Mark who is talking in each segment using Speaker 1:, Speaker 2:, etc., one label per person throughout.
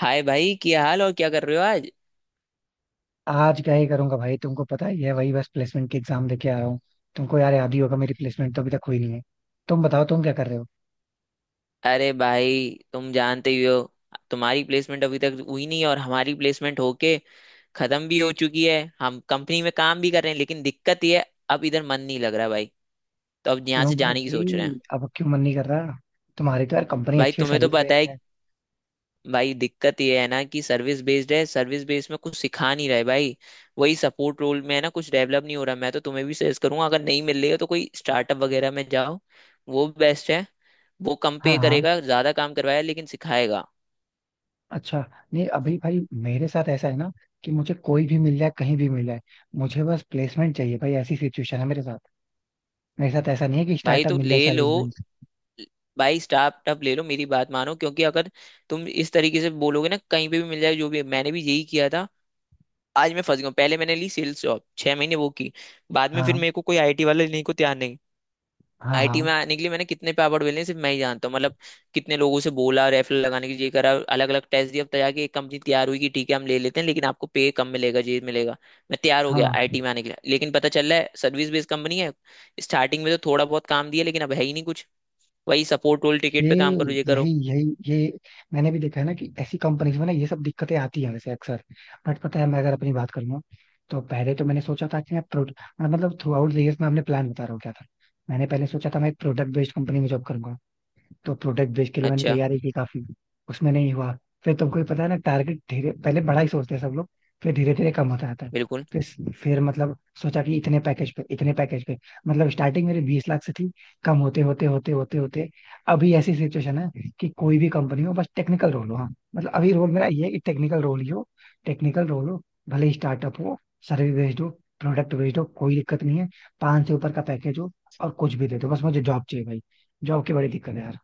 Speaker 1: हाय भाई, क्या हाल और क्या कर रहे हो आज।
Speaker 2: आज क्या ही करूंगा भाई। तुमको पता ही है, वही बस प्लेसमेंट की एग्जाम देके आया हूँ। तुमको यार याद ही होगा, मेरी प्लेसमेंट तो अभी तक हुई नहीं है। तुम बताओ, तुम क्या कर रहे हो?
Speaker 1: अरे भाई, तुम जानते ही हो। तुम्हारी प्लेसमेंट अभी तक हुई नहीं और हमारी प्लेसमेंट होके खत्म भी हो चुकी है। हम कंपनी में काम भी कर रहे हैं, लेकिन दिक्कत ये है, अब इधर मन नहीं लग रहा भाई। तो अब यहाँ
Speaker 2: क्यों
Speaker 1: से जाने की सोच रहे
Speaker 2: भाई,
Speaker 1: हैं।
Speaker 2: अब क्यों मन नहीं कर रहा? तुम्हारी तो यार कंपनी
Speaker 1: भाई,
Speaker 2: अच्छी है,
Speaker 1: तुम्हें तो
Speaker 2: सर्विस
Speaker 1: पता
Speaker 2: बेस्ड
Speaker 1: है।
Speaker 2: है।
Speaker 1: भाई, दिक्कत ये है ना कि सर्विस बेस्ड है। सर्विस बेस्ड में कुछ सिखा नहीं रहे भाई। वही सपोर्ट रोल में है ना, कुछ डेवलप नहीं हो रहा। मैं तो तुम्हें भी सजेस्ट करूंगा, अगर नहीं मिल रही है तो कोई स्टार्टअप वगैरह में जाओ। वो बेस्ट है। वो कम
Speaker 2: हाँ,
Speaker 1: पे
Speaker 2: हाँ।
Speaker 1: करेगा, ज्यादा काम करवाएगा, लेकिन सिखाएगा।
Speaker 2: अच्छा। नहीं, अभी भाई मेरे साथ ऐसा है ना कि मुझे कोई भी मिल जाए, कहीं भी मिल जाए, मुझे बस प्लेसमेंट चाहिए भाई। ऐसी सिचुएशन है मेरे साथ। मेरे साथ ऐसा नहीं है कि
Speaker 1: भाई,
Speaker 2: स्टार्टअप
Speaker 1: तो
Speaker 2: मिल जाए,
Speaker 1: ले लो।
Speaker 2: Service based.
Speaker 1: भाई, स्टार्टअप ले लो, मेरी बात मानो। क्योंकि अगर तुम इस तरीके से बोलोगे ना कहीं पे भी मिल जाए, जो भी, मैंने भी यही किया था। आज मैं फंस गया हूं। पहले मैंने ली सेल्स जॉब, 6 महीने वो की। बाद में फिर
Speaker 2: हाँ,
Speaker 1: मेरे को कोई आईटी वाला लेने को तैयार नहीं।
Speaker 2: हाँ।
Speaker 1: आईटी में
Speaker 2: हाँ,
Speaker 1: आने के लिए मैंने कितने पे अवार्ड मिले हैं, सिर्फ मैं ही जानता हूँ। मतलब, कितने लोगों से बोला रेफरल लगाने के लिए, करा, अलग अलग टेस्ट दिया। अब जाके एक कंपनी तैयार हुई कि ठीक है हम ले लेते हैं, लेकिन आपको पे कम मिलेगा, ये मिलेगा। मैं तैयार हो गया
Speaker 2: हाँ।
Speaker 1: आईटी में आने के लिए, लेकिन पता चल रहा है सर्विस बेस्ड कंपनी है। स्टार्टिंग में तो थोड़ा बहुत काम दिया, लेकिन अब है ही नहीं कुछ। वही सपोर्ट रोल, टिकट
Speaker 2: ये
Speaker 1: पे काम करो, ये
Speaker 2: यही
Speaker 1: करो।
Speaker 2: यही ये मैंने भी देखा है ना कि ऐसी कंपनीज में ना ये सब दिक्कतें आती हैं वैसे अक्सर। बट पता है, मैं अगर अपनी बात करूँ, तो पहले तो मैंने सोचा था कि मैं प्रोड मतलब थ्रू आउट द ईयर्स मैं अपने प्लान बता रहा हूँ क्या था। मैंने पहले सोचा था मैं एक प्रोडक्ट बेस्ड कंपनी में जॉब करूंगा, तो प्रोडक्ट बेच के लिए मैंने
Speaker 1: अच्छा।
Speaker 2: तैयारी की काफी। उसमें नहीं हुआ। फिर तुमको भी पता है ना, टारगेट धीरे पहले बड़ा ही सोचते हैं सब लोग, फिर धीरे धीरे कम होता जाता है।
Speaker 1: बिल्कुल।
Speaker 2: फिर मतलब सोचा कि इतने पैकेज पे, इतने पैकेज पे, मतलब स्टार्टिंग मेरी 20 लाख से थी। कम होते होते होते होते होते अभी ऐसी सिचुएशन है कि कोई भी कंपनी हो, बस टेक्निकल रोल हो। हाँ, मतलब अभी रोल मेरा ये है कि टेक्निकल रोल ही हो, टेक्निकल रोल हो। भले ही स्टार्टअप हो, सर्विस बेस्ड हो, प्रोडक्ट बेस्ड हो, कोई दिक्कत नहीं है, 5 से ऊपर का पैकेज हो और कुछ भी दे दो, बस मुझे जॉब चाहिए भाई। जॉब की बड़ी दिक्कत है यार।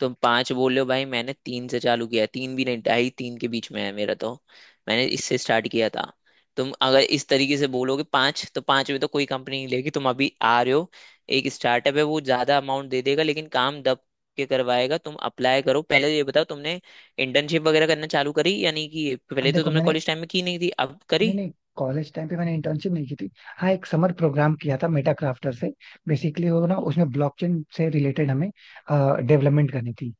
Speaker 1: तुम पांच बोल रहे हो भाई, मैंने तीन से चालू किया है, तीन भी नहीं, ढाई तीन के बीच में है मेरा तो। मैंने इससे स्टार्ट किया था। तुम अगर इस तरीके से बोलोगे पांच, तो पांच में तो कोई कंपनी नहीं लेगी, तुम अभी आ रहे हो। एक स्टार्टअप है, वो ज्यादा अमाउंट दे देगा, लेकिन काम दब के करवाएगा। तुम अप्लाई करो। पहले ये बताओ, तुमने इंटर्नशिप वगैरह करना चालू करी या नहीं की।
Speaker 2: अब
Speaker 1: पहले तो
Speaker 2: देखो,
Speaker 1: तुमने
Speaker 2: मैंने,
Speaker 1: कॉलेज टाइम में की नहीं थी, अब करी।
Speaker 2: नहीं नहीं, कॉलेज टाइम पे मैंने इंटर्नशिप नहीं की थी। हाँ, एक समर प्रोग्राम किया था मेटा क्राफ्टर से। बेसिकली वो ना, उसमें ब्लॉकचेन से रिलेटेड हमें डेवलपमेंट करनी थी।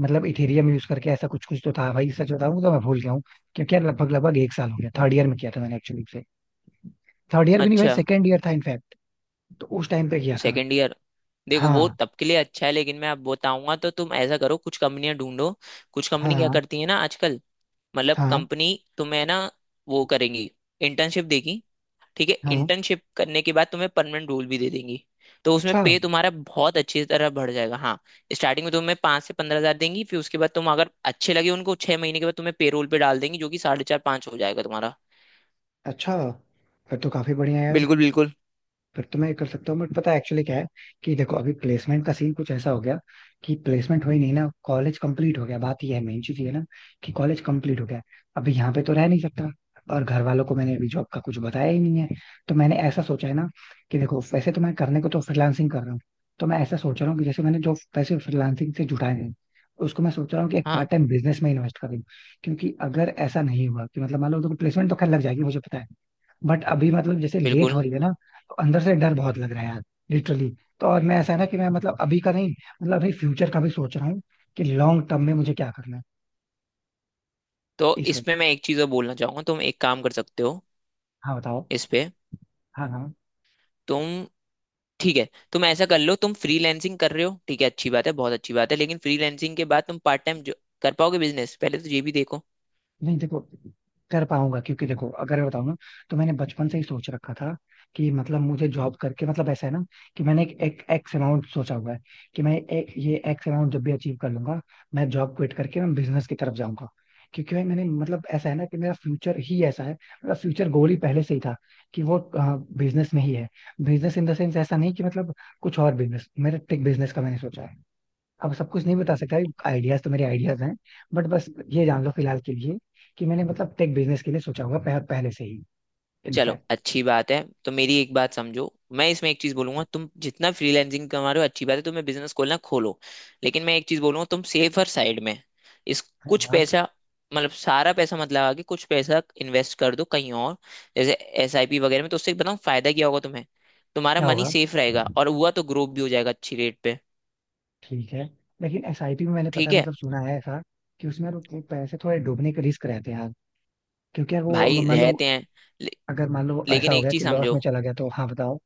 Speaker 2: मतलब इथेरियम यूज करके ऐसा कुछ कुछ तो था भाई, सच बताऊं तो मैं भूल गया हूँ। क्योंकि यार लगभग लगभग 1 साल हो गया, थर्ड ईयर में किया था मैंने एक्चुअली से। थर्ड ईयर भी नहीं भाई,
Speaker 1: अच्छा।
Speaker 2: सेकेंड ईयर था इनफैक्ट। तो उस टाइम पे किया था।
Speaker 1: Second year. देखो, वो
Speaker 2: हाँ,
Speaker 1: तब के लिए अच्छा है, लेकिन मैं अब बताऊंगा तो तुम ऐसा करो, कुछ कंपनियां ढूंढो। कुछ कंपनी क्या
Speaker 2: हाँ,
Speaker 1: करती है ना आजकल, मतलब
Speaker 2: हाँ,
Speaker 1: कंपनी तुम्हें ना, वो करेंगी, इंटर्नशिप देगी। ठीक है,
Speaker 2: हाँ।
Speaker 1: इंटर्नशिप करने के बाद तुम्हें परमानेंट रोल भी दे देंगी। तो उसमें
Speaker 2: अच्छा।
Speaker 1: पे तुम्हारा बहुत अच्छी तरह बढ़ जाएगा। हाँ, स्टार्टिंग में तुम्हें 5 से 15 हजार देंगी, फिर उसके बाद तुम अगर अच्छे लगे उनको, 6 महीने के बाद तुम्हें पे रोल पे डाल देंगी, जो कि साढ़े चार पाँच हो जाएगा तुम्हारा।
Speaker 2: अच्छा, फिर तो काफी बढ़िया है यार।
Speaker 1: बिल्कुल बिल्कुल।
Speaker 2: फिर तो मैं ये कर सकता हूँ, बट पता है एक्चुअली क्या है कि देखो अभी प्लेसमेंट का सीन कुछ ऐसा हो गया कि प्लेसमेंट हुई नहीं ना, कॉलेज कंप्लीट हो गया। बात ये है, मेन चीज ये है ना कि कॉलेज कंप्लीट हो गया। अभी यहाँ पे तो रह नहीं सकता, और घर वालों को मैंने अभी जॉब का कुछ बताया ही नहीं है। तो मैंने ऐसा सोचा है ना कि देखो, वैसे तो मैं करने को तो फ्रीलांसिंग कर रहा हूँ, तो मैं ऐसा सोच रहा हूँ कि जैसे मैंने जो पैसे फ्रीलांसिंग से जुटाए हैं, उसको मैं सोच रहा हूँ कि एक पार्ट
Speaker 1: हाँ,
Speaker 2: टाइम बिजनेस में इन्वेस्ट कर दूं। क्योंकि अगर ऐसा नहीं हुआ कि मतलब, मान लो देखो, प्लेसमेंट तो खैर लग जाएगी मुझे पता है, बट अभी मतलब जैसे लेट
Speaker 1: बिल्कुल।
Speaker 2: हो रही है ना, तो अंदर से डर बहुत लग रहा है यार, लिटरली। तो और मैं, ऐसा है ना कि मैं मतलब अभी का नहीं, मतलब अभी फ्यूचर का भी सोच रहा हूँ कि लॉन्ग टर्म में मुझे क्या करना है।
Speaker 1: तो
Speaker 2: इस वक्त
Speaker 1: इसमें मैं एक चीज और बोलना चाहूंगा, तुम एक काम कर सकते हो
Speaker 2: हाँ बताओ।
Speaker 1: इस पे।
Speaker 2: हाँ, हाँ।
Speaker 1: तुम, ठीक है, तुम ऐसा कर लो, तुम फ्रीलैंसिंग कर रहे हो, ठीक है, अच्छी बात है, बहुत अच्छी बात है, लेकिन फ्रीलैंसिंग के बाद तुम पार्ट टाइम कर पाओगे बिजनेस, पहले तो ये भी देखो।
Speaker 2: नहीं, देखो, कर पाऊंगा क्योंकि देखो अगर मैं बताऊं ना, तो मैंने बचपन से ही सोच रखा था कि मतलब मुझे जॉब करके, मतलब ऐसा है ना कि मैंने एक एक एक्स अमाउंट सोचा हुआ है कि मैं एक ये एक्स अमाउंट जब भी अचीव कर लूंगा, मैं जॉब क्विट करके मैं बिजनेस की तरफ जाऊंगा। क्योंकि भाई मैंने मतलब ऐसा है ना कि मेरा फ्यूचर ही ऐसा है, मेरा फ्यूचर गोल ही पहले से ही था कि वो बिजनेस में ही है। बिजनेस इन द सेंस ऐसा नहीं कि मतलब कुछ और बिजनेस, मेरा टेक बिजनेस का मैंने सोचा है। अब सब कुछ नहीं बता सकता, आइडियाज तो मेरे आइडियाज हैं। बट बस, ये जान लो फिलहाल के लिए कि मैंने मतलब टेक बिजनेस के लिए सोचा होगा पहले से ही,
Speaker 1: चलो
Speaker 2: इनफैक्ट।
Speaker 1: अच्छी बात है, तो मेरी एक बात समझो। मैं इसमें एक चीज बोलूंगा, तुम जितना फ्रीलैंसिंग कमा रहे हो, अच्छी बात है, तुम्हें बिजनेस खोलना खोलो, लेकिन मैं एक चीज बोलूंगा, तुम सेफर साइड में इस,
Speaker 2: हाँ,
Speaker 1: कुछ
Speaker 2: हाँ।
Speaker 1: पैसा, मतलब सारा पैसा मत लगा के कुछ पैसा इन्वेस्ट कर दो कहीं और, जैसे एसआईपी वगैरह में। तो उससे बताऊँ फायदा क्या होगा तुम्हें, तुम्हारा
Speaker 2: क्या
Speaker 1: मनी
Speaker 2: होगा?
Speaker 1: सेफ रहेगा और हुआ तो ग्रोथ भी हो जाएगा अच्छी रेट पे।
Speaker 2: ठीक है। लेकिन एसआईपी में मैंने, पता
Speaker 1: ठीक
Speaker 2: है
Speaker 1: है,
Speaker 2: मतलब, सुना है ऐसा कि उसमें यार वो पैसे थोड़े डूबने के रिस्क रहते हैं यार। क्योंकि यार वो
Speaker 1: भाई
Speaker 2: मान लो,
Speaker 1: रहते हैं, ले,
Speaker 2: अगर मान लो ऐसा
Speaker 1: लेकिन
Speaker 2: हो
Speaker 1: एक
Speaker 2: गया
Speaker 1: चीज
Speaker 2: कि लॉस
Speaker 1: समझो।
Speaker 2: में चला गया तो? हाँ बताओ।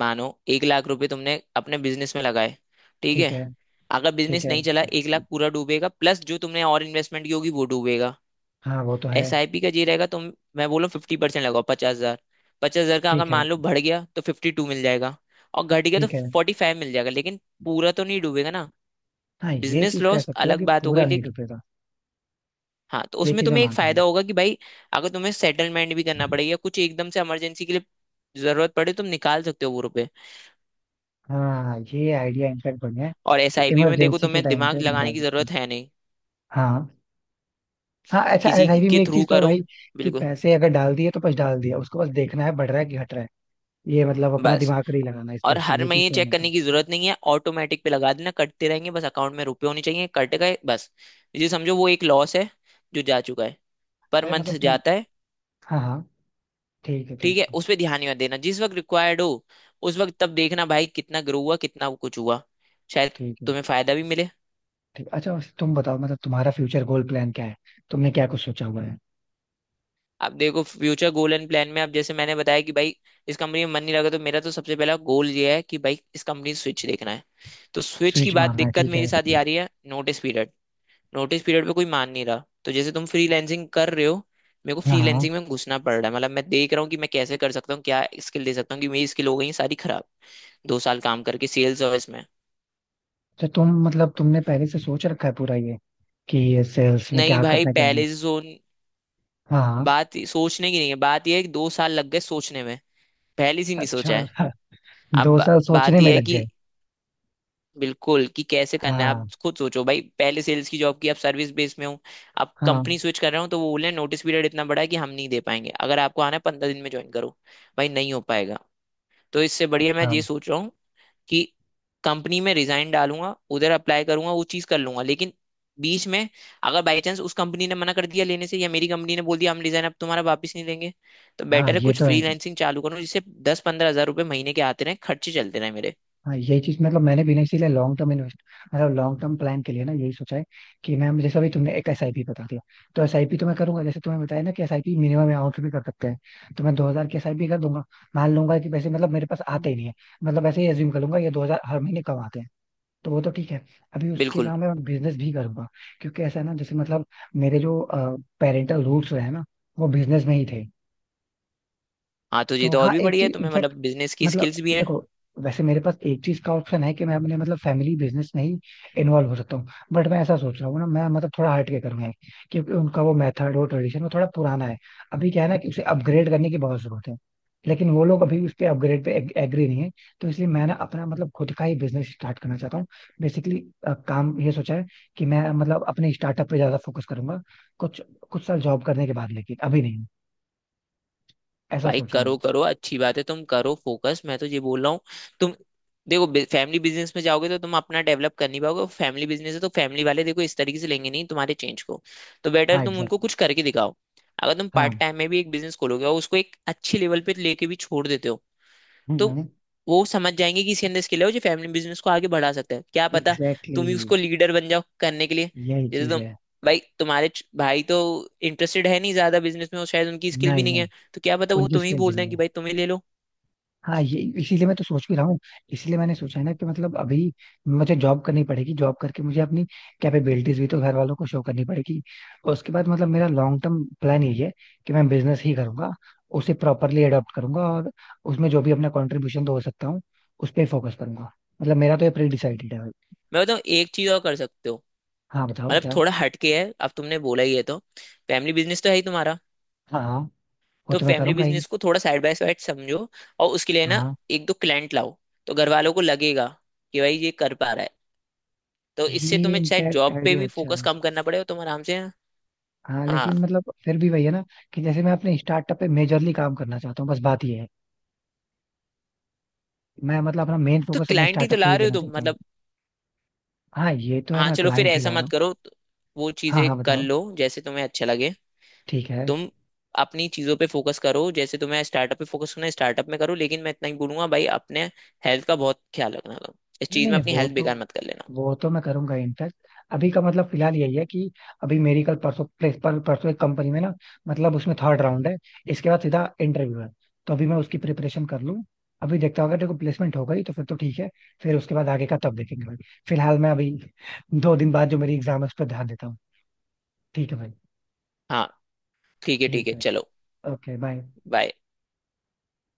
Speaker 1: मानो 1 लाख रुपए तुमने अपने बिजनेस में लगाए, ठीक
Speaker 2: ठीक
Speaker 1: है।
Speaker 2: है,
Speaker 1: अगर
Speaker 2: ठीक
Speaker 1: बिजनेस
Speaker 2: है।
Speaker 1: नहीं चला, 1 लाख पूरा डूबेगा, प्लस जो तुमने और इन्वेस्टमेंट की होगी वो डूबेगा।
Speaker 2: हाँ, वो तो है।
Speaker 1: एसआईपी का ये रहेगा, तुम, मैं बोलूँ, 50% लगाओ, 50 हजार। 50 हजार का अगर
Speaker 2: ठीक है,
Speaker 1: मान लो बढ़ गया तो 52 मिल जाएगा, और घट गया तो
Speaker 2: ठीक है।
Speaker 1: 45 मिल जाएगा, लेकिन पूरा तो नहीं डूबेगा ना।
Speaker 2: हाँ, ये
Speaker 1: बिजनेस
Speaker 2: चीज कह
Speaker 1: लॉस
Speaker 2: सकते हो
Speaker 1: अलग
Speaker 2: कि
Speaker 1: बात हो गई।
Speaker 2: पूरा नहीं डूबेगा।
Speaker 1: हाँ, तो
Speaker 2: ये
Speaker 1: उसमें
Speaker 2: चीज मैं
Speaker 1: तुम्हें एक
Speaker 2: मानता हूँ।
Speaker 1: फायदा होगा कि भाई, अगर तुम्हें सेटलमेंट भी करना पड़ेगा, कुछ एकदम से इमरजेंसी के लिए जरूरत पड़े, तुम निकाल सकते हो वो रुपए।
Speaker 2: हाँ, ये आइडिया इनफैक्ट बढ़िया है
Speaker 1: और
Speaker 2: कि
Speaker 1: एसआईपी में देखो,
Speaker 2: इमरजेंसी के
Speaker 1: तुम्हें
Speaker 2: टाइम
Speaker 1: दिमाग
Speaker 2: पे
Speaker 1: लगाने
Speaker 2: निकाल
Speaker 1: की
Speaker 2: सकते हैं।
Speaker 1: जरूरत है नहीं,
Speaker 2: हाँ, हाँ। अच्छा,
Speaker 1: किसी
Speaker 2: एसआईपी में
Speaker 1: के
Speaker 2: एक
Speaker 1: थ्रू
Speaker 2: चीज तो है
Speaker 1: करो।
Speaker 2: भाई कि
Speaker 1: बिल्कुल।
Speaker 2: पैसे अगर डाल दिए तो बस डाल दिया, उसको बस देखना है बढ़ रहा है कि घट रहा है। ये मतलब अपना
Speaker 1: बस,
Speaker 2: दिमाग नहीं लगाना,
Speaker 1: और
Speaker 2: स्पेशली
Speaker 1: हर
Speaker 2: ये चीज
Speaker 1: महीने
Speaker 2: तो मैं
Speaker 1: चेक
Speaker 2: मानता हूँ।
Speaker 1: करने की जरूरत नहीं है, ऑटोमेटिक पे लगा देना, कटते रहेंगे, बस अकाउंट में रुपए होने चाहिए, कट गए, बस। ये समझो, वो एक लॉस है जो जा चुका है, पर
Speaker 2: अरे
Speaker 1: मंथ
Speaker 2: मतलब तुम,
Speaker 1: जाता है।
Speaker 2: हाँ हाँ, ठीक है,
Speaker 1: ठीक
Speaker 2: ठीक
Speaker 1: है,
Speaker 2: है।
Speaker 1: उस पर ध्यान ही मत देना। जिस वक्त रिक्वायर्ड हो, उस वक्त तब देखना भाई कितना ग्रो हुआ, कितना कुछ हुआ। शायद
Speaker 2: ठीक है।
Speaker 1: तुम्हें फायदा भी मिले।
Speaker 2: ठीक, अच्छा, वैसे तुम बताओ मतलब तुम्हारा फ्यूचर गोल प्लान क्या है? तुमने क्या कुछ सोचा हुआ है?
Speaker 1: आप देखो, फ्यूचर गोल एंड प्लान में आप, जैसे मैंने बताया कि भाई इस कंपनी में मन नहीं लगा, तो मेरा तो सबसे पहला गोल ये है कि भाई इस कंपनी स्विच देखना है। तो स्विच की
Speaker 2: स्विच
Speaker 1: बात,
Speaker 2: मारना है,
Speaker 1: दिक्कत
Speaker 2: ठीक
Speaker 1: मेरे
Speaker 2: है।
Speaker 1: साथ ये आ रही है नोटिस पीरियड। नोटिस पीरियड पे कोई मान नहीं रहा, तो जैसे तुम फ्रीलैंसिंग कर रहे हो, मेरे को
Speaker 2: हाँ, हाँ।
Speaker 1: फ्रीलैंसिंग में घुसना पड़ रहा है। मतलब मैं देख रहा हूँ कि मैं कैसे कर सकता हूँ, क्या स्किल दे सकता हूँ, कि मेरी स्किल हो गई है सारी खराब, 2 साल काम करके सेल्स और इसमें।
Speaker 2: तो तुम मतलब तुमने पहले से सोच रखा है पूरा ये कि सेल्स में
Speaker 1: नहीं
Speaker 2: क्या
Speaker 1: भाई,
Speaker 2: करना है, क्या नहीं?
Speaker 1: पहले से सोच,
Speaker 2: हाँ, हाँ।
Speaker 1: बात सोचने की नहीं है, बात यह है कि 2 साल लग गए सोचने में, पहले से ही नहीं
Speaker 2: अच्छा
Speaker 1: सोचा है। अब
Speaker 2: दो
Speaker 1: बा-
Speaker 2: साल
Speaker 1: बात
Speaker 2: सोचने में
Speaker 1: यह है
Speaker 2: लग गए।
Speaker 1: कि, बिल्कुल, कि कैसे करना है। आप
Speaker 2: हाँ,
Speaker 1: खुद सोचो भाई, पहले सेल्स की जॉब की, आप सर्विस बेस में हो, आप
Speaker 2: हाँ।
Speaker 1: कंपनी स्विच कर रहे हो, तो वो बोले नोटिस पीरियड इतना बड़ा है कि हम नहीं दे पाएंगे, अगर आपको आना है 15 दिन में ज्वाइन करो। भाई नहीं हो पाएगा। तो इससे बढ़िया मैं
Speaker 2: अच्छा।
Speaker 1: ये सोच रहा हूँ कि कंपनी में रिजाइन डालूंगा, उधर अप्लाई करूंगा, वो चीज कर लूंगा, लेकिन बीच में अगर बाई चांस उस कंपनी ने मना कर दिया लेने से, या मेरी कंपनी ने बोल दिया हम रिजाइन, अब तुम्हारा वापस नहीं लेंगे, तो
Speaker 2: हाँ,
Speaker 1: बेटर है
Speaker 2: ये
Speaker 1: कुछ
Speaker 2: तो है।
Speaker 1: फ्रीलांसिंग चालू करो, जिससे 10-15 हजार रुपये महीने के आते रहे, खर्चे चलते रहे मेरे।
Speaker 2: हाँ, यही चीज मतलब मैंने भी ना इसीलिए लॉन्ग टर्म इन्वेस्ट, मतलब लॉन्ग टर्म प्लान के लिए ना यही सोचा है कि मैं जैसे अभी तुमने एक एसआईपी बता दिया, तो एसआईपी तो मैं करूंगा। जैसे तुम्हें बताया ना कि एसआईपी मिनिमम अमाउंट भी कर सकते हैं, तो मैं 2,000 की एसआईपी कर दूंगा। मान लूंगा कि पैसे मतलब मेरे पास आते ही
Speaker 1: हम्म।
Speaker 2: नहीं है। मतलब ऐसे ही एज्यूम कर लूंगा ये 2,000 हर महीने कम आते हैं, तो वो तो ठीक है। अभी उसके
Speaker 1: बिल्कुल।
Speaker 2: अलावा मैं बिजनेस भी करूंगा, क्योंकि ऐसा है ना जैसे मतलब मेरे जो पेरेंटल रूट्स रहे हैं ना, वो बिजनेस में ही थे।
Speaker 1: हाँ, तो ये
Speaker 2: तो
Speaker 1: तो और
Speaker 2: हाँ,
Speaker 1: भी
Speaker 2: एक
Speaker 1: बढ़िया है,
Speaker 2: चीज
Speaker 1: तुम्हें
Speaker 2: इनफैक्ट,
Speaker 1: मतलब बिजनेस की
Speaker 2: मतलब
Speaker 1: स्किल्स भी है।
Speaker 2: देखो, वैसे मेरे पास एक चीज का ऑप्शन है कि मैं अपने मतलब फैमिली बिजनेस में ही इन्वॉल्व हो सकता हूँ। बट मैं ऐसा सोच रहा हूँ ना, मैं मतलब थोड़ा हट के करूंगा, क्योंकि उनका वो मेथड, वो ट्रेडिशन, वो थोड़ा पुराना है। अभी क्या है ना कि उसे अपग्रेड करने की बहुत जरूरत है, लेकिन वो लोग अभी उस पे, अपग्रेड पे एग्री नहीं है। तो इसलिए मैं ना अपना मतलब खुद का ही बिजनेस स्टार्ट करना चाहता हूँ, बेसिकली। काम ये सोचा है कि मैं मतलब अपने स्टार्टअप पे ज्यादा फोकस करूंगा कुछ कुछ साल जॉब करने के बाद, लेकिन अभी नहीं। ऐसा
Speaker 1: भाई
Speaker 2: सोच रहा
Speaker 1: करो
Speaker 2: हूँ।
Speaker 1: करो, अच्छी बात है, तुम करो फोकस। मैं तो ये बोल रहा हूँ, तुम देखो, फैमिली बिजनेस में जाओगे तो तुम अपना डेवलप कर नहीं पाओगे। फैमिली बिजनेस है, तो फैमिली वाले देखो इस तरीके से लेंगे नहीं तुम्हारे चेंज को। तो बेटर
Speaker 2: हाँ,
Speaker 1: तुम उनको
Speaker 2: एग्जैक्टली।
Speaker 1: कुछ करके दिखाओ। अगर तुम पार्ट
Speaker 2: हाँ,
Speaker 1: टाइम में भी एक बिजनेस खोलोगे और उसको एक अच्छे लेवल पे लेके भी छोड़ देते हो, तो
Speaker 2: हम्म।
Speaker 1: वो समझ जाएंगे कि इसके अंदर स्किल है, और जो फैमिली बिजनेस को आगे बढ़ा सकता है, क्या पता
Speaker 2: एग्जैक्टली,
Speaker 1: तुम ही
Speaker 2: exactly.
Speaker 1: उसको लीडर बन जाओ करने के लिए।
Speaker 2: यही
Speaker 1: जैसे
Speaker 2: चीज
Speaker 1: तुम,
Speaker 2: है।
Speaker 1: भाई तो इंटरेस्टेड है नहीं ज्यादा बिजनेस में, और शायद उनकी स्किल भी
Speaker 2: नहीं,
Speaker 1: नहीं
Speaker 2: नहीं,
Speaker 1: है। तो क्या पता वो
Speaker 2: उनकी
Speaker 1: तुम्हें ही
Speaker 2: स्किल भी
Speaker 1: बोल
Speaker 2: नहीं
Speaker 1: दें कि
Speaker 2: है।
Speaker 1: भाई तुम्हें ले लो।
Speaker 2: हाँ, ये इसीलिए मैं तो सोच भी रहा हूँ। इसलिए मैंने सोचा है ना कि मतलब अभी मुझे जॉब करनी पड़ेगी, जॉब करके मुझे अपनी कैपेबिलिटीज भी तो घर वालों को शो करनी पड़ेगी। और उसके बाद मतलब मेरा लॉन्ग टर्म प्लान यही है कि मैं बिजनेस ही करूंगा, उसे प्रॉपरली अडॉप्ट करूंगा और उसमें जो भी अपना कॉन्ट्रीब्यूशन दो सकता हूँ उस पर फोकस करूंगा। मतलब मेरा तो ये प्री डिसाइडेड है भाई।
Speaker 1: मैं बताऊँ, एक चीज और कर सकते हो।
Speaker 2: हाँ बताओ,
Speaker 1: मतलब
Speaker 2: क्या?
Speaker 1: थोड़ा हटके है, अब तुमने बोला ही है तो, फैमिली बिजनेस तो है ही तुम्हारा,
Speaker 2: हाँ, हाँ, वो
Speaker 1: तो
Speaker 2: तो मैं
Speaker 1: फैमिली
Speaker 2: करूंगा ही।
Speaker 1: बिजनेस को थोड़ा साइड बाय साइड समझो, और उसके लिए ना
Speaker 2: हाँ,
Speaker 1: एक दो क्लाइंट लाओ, तो घर वालों को लगेगा कि भाई ये कर पा रहा है, तो इससे
Speaker 2: ये
Speaker 1: तुम्हें शायद
Speaker 2: इनफैक्ट
Speaker 1: जॉब पे
Speaker 2: आइडिया
Speaker 1: भी
Speaker 2: अच्छा
Speaker 1: फोकस
Speaker 2: है।
Speaker 1: कम करना पड़ेगा, तुम आराम से।
Speaker 2: हाँ,
Speaker 1: हाँ,
Speaker 2: लेकिन मतलब फिर भी वही है ना कि जैसे मैं अपने स्टार्टअप पे मेजरली काम करना चाहता हूँ, बस बात ये है। मैं मतलब अपना मेन
Speaker 1: तो
Speaker 2: फोकस अपने
Speaker 1: क्लाइंट ही तो
Speaker 2: स्टार्टअप पे
Speaker 1: ला
Speaker 2: ही
Speaker 1: रहे
Speaker 2: देना
Speaker 1: हो तुम
Speaker 2: चाहता हूँ।
Speaker 1: मतलब।
Speaker 2: हाँ, ये तो है,
Speaker 1: हाँ
Speaker 2: मैं
Speaker 1: चलो, फिर
Speaker 2: क्लाइंट ही
Speaker 1: ऐसा
Speaker 2: ला रहा
Speaker 1: मत
Speaker 2: हूँ।
Speaker 1: करो तो, वो
Speaker 2: हाँ,
Speaker 1: चीजें
Speaker 2: हाँ,
Speaker 1: कर
Speaker 2: बताओ।
Speaker 1: लो जैसे तुम्हें अच्छा लगे।
Speaker 2: ठीक है।
Speaker 1: तुम अपनी चीजों पे फोकस करो, जैसे तुम्हें स्टार्टअप पे फोकस करना है स्टार्टअप में करो, लेकिन मैं इतना ही बोलूंगा भाई, अपने हेल्थ का बहुत ख्याल रखना तुम, इस चीज
Speaker 2: नहीं,
Speaker 1: में
Speaker 2: नहीं,
Speaker 1: अपनी
Speaker 2: वो
Speaker 1: हेल्थ
Speaker 2: तो
Speaker 1: बेकार मत कर लेना।
Speaker 2: वो तो मैं करूंगा इनफैक्ट। अभी का मतलब फिलहाल यही है कि अभी मेरी कल, परसों, प्लेस पर परसों एक कंपनी में ना, मतलब उसमें थर्ड राउंड है। इसके बाद सीधा इंटरव्यू है, तो अभी मैं उसकी प्रिपरेशन कर लूँ। अभी देखता हूँ, अगर देखो प्लेसमेंट हो गई तो फिर तो ठीक है, फिर उसके बाद आगे का तब देखेंगे भाई। फिलहाल मैं अभी 2 दिन बाद जो मेरी एग्जाम है उस पर ध्यान देता हूँ। ठीक है भाई।
Speaker 1: हाँ, ठीक है ठीक
Speaker 2: ठीक
Speaker 1: है,
Speaker 2: है।
Speaker 1: चलो,
Speaker 2: ओके, बाय।
Speaker 1: बाय।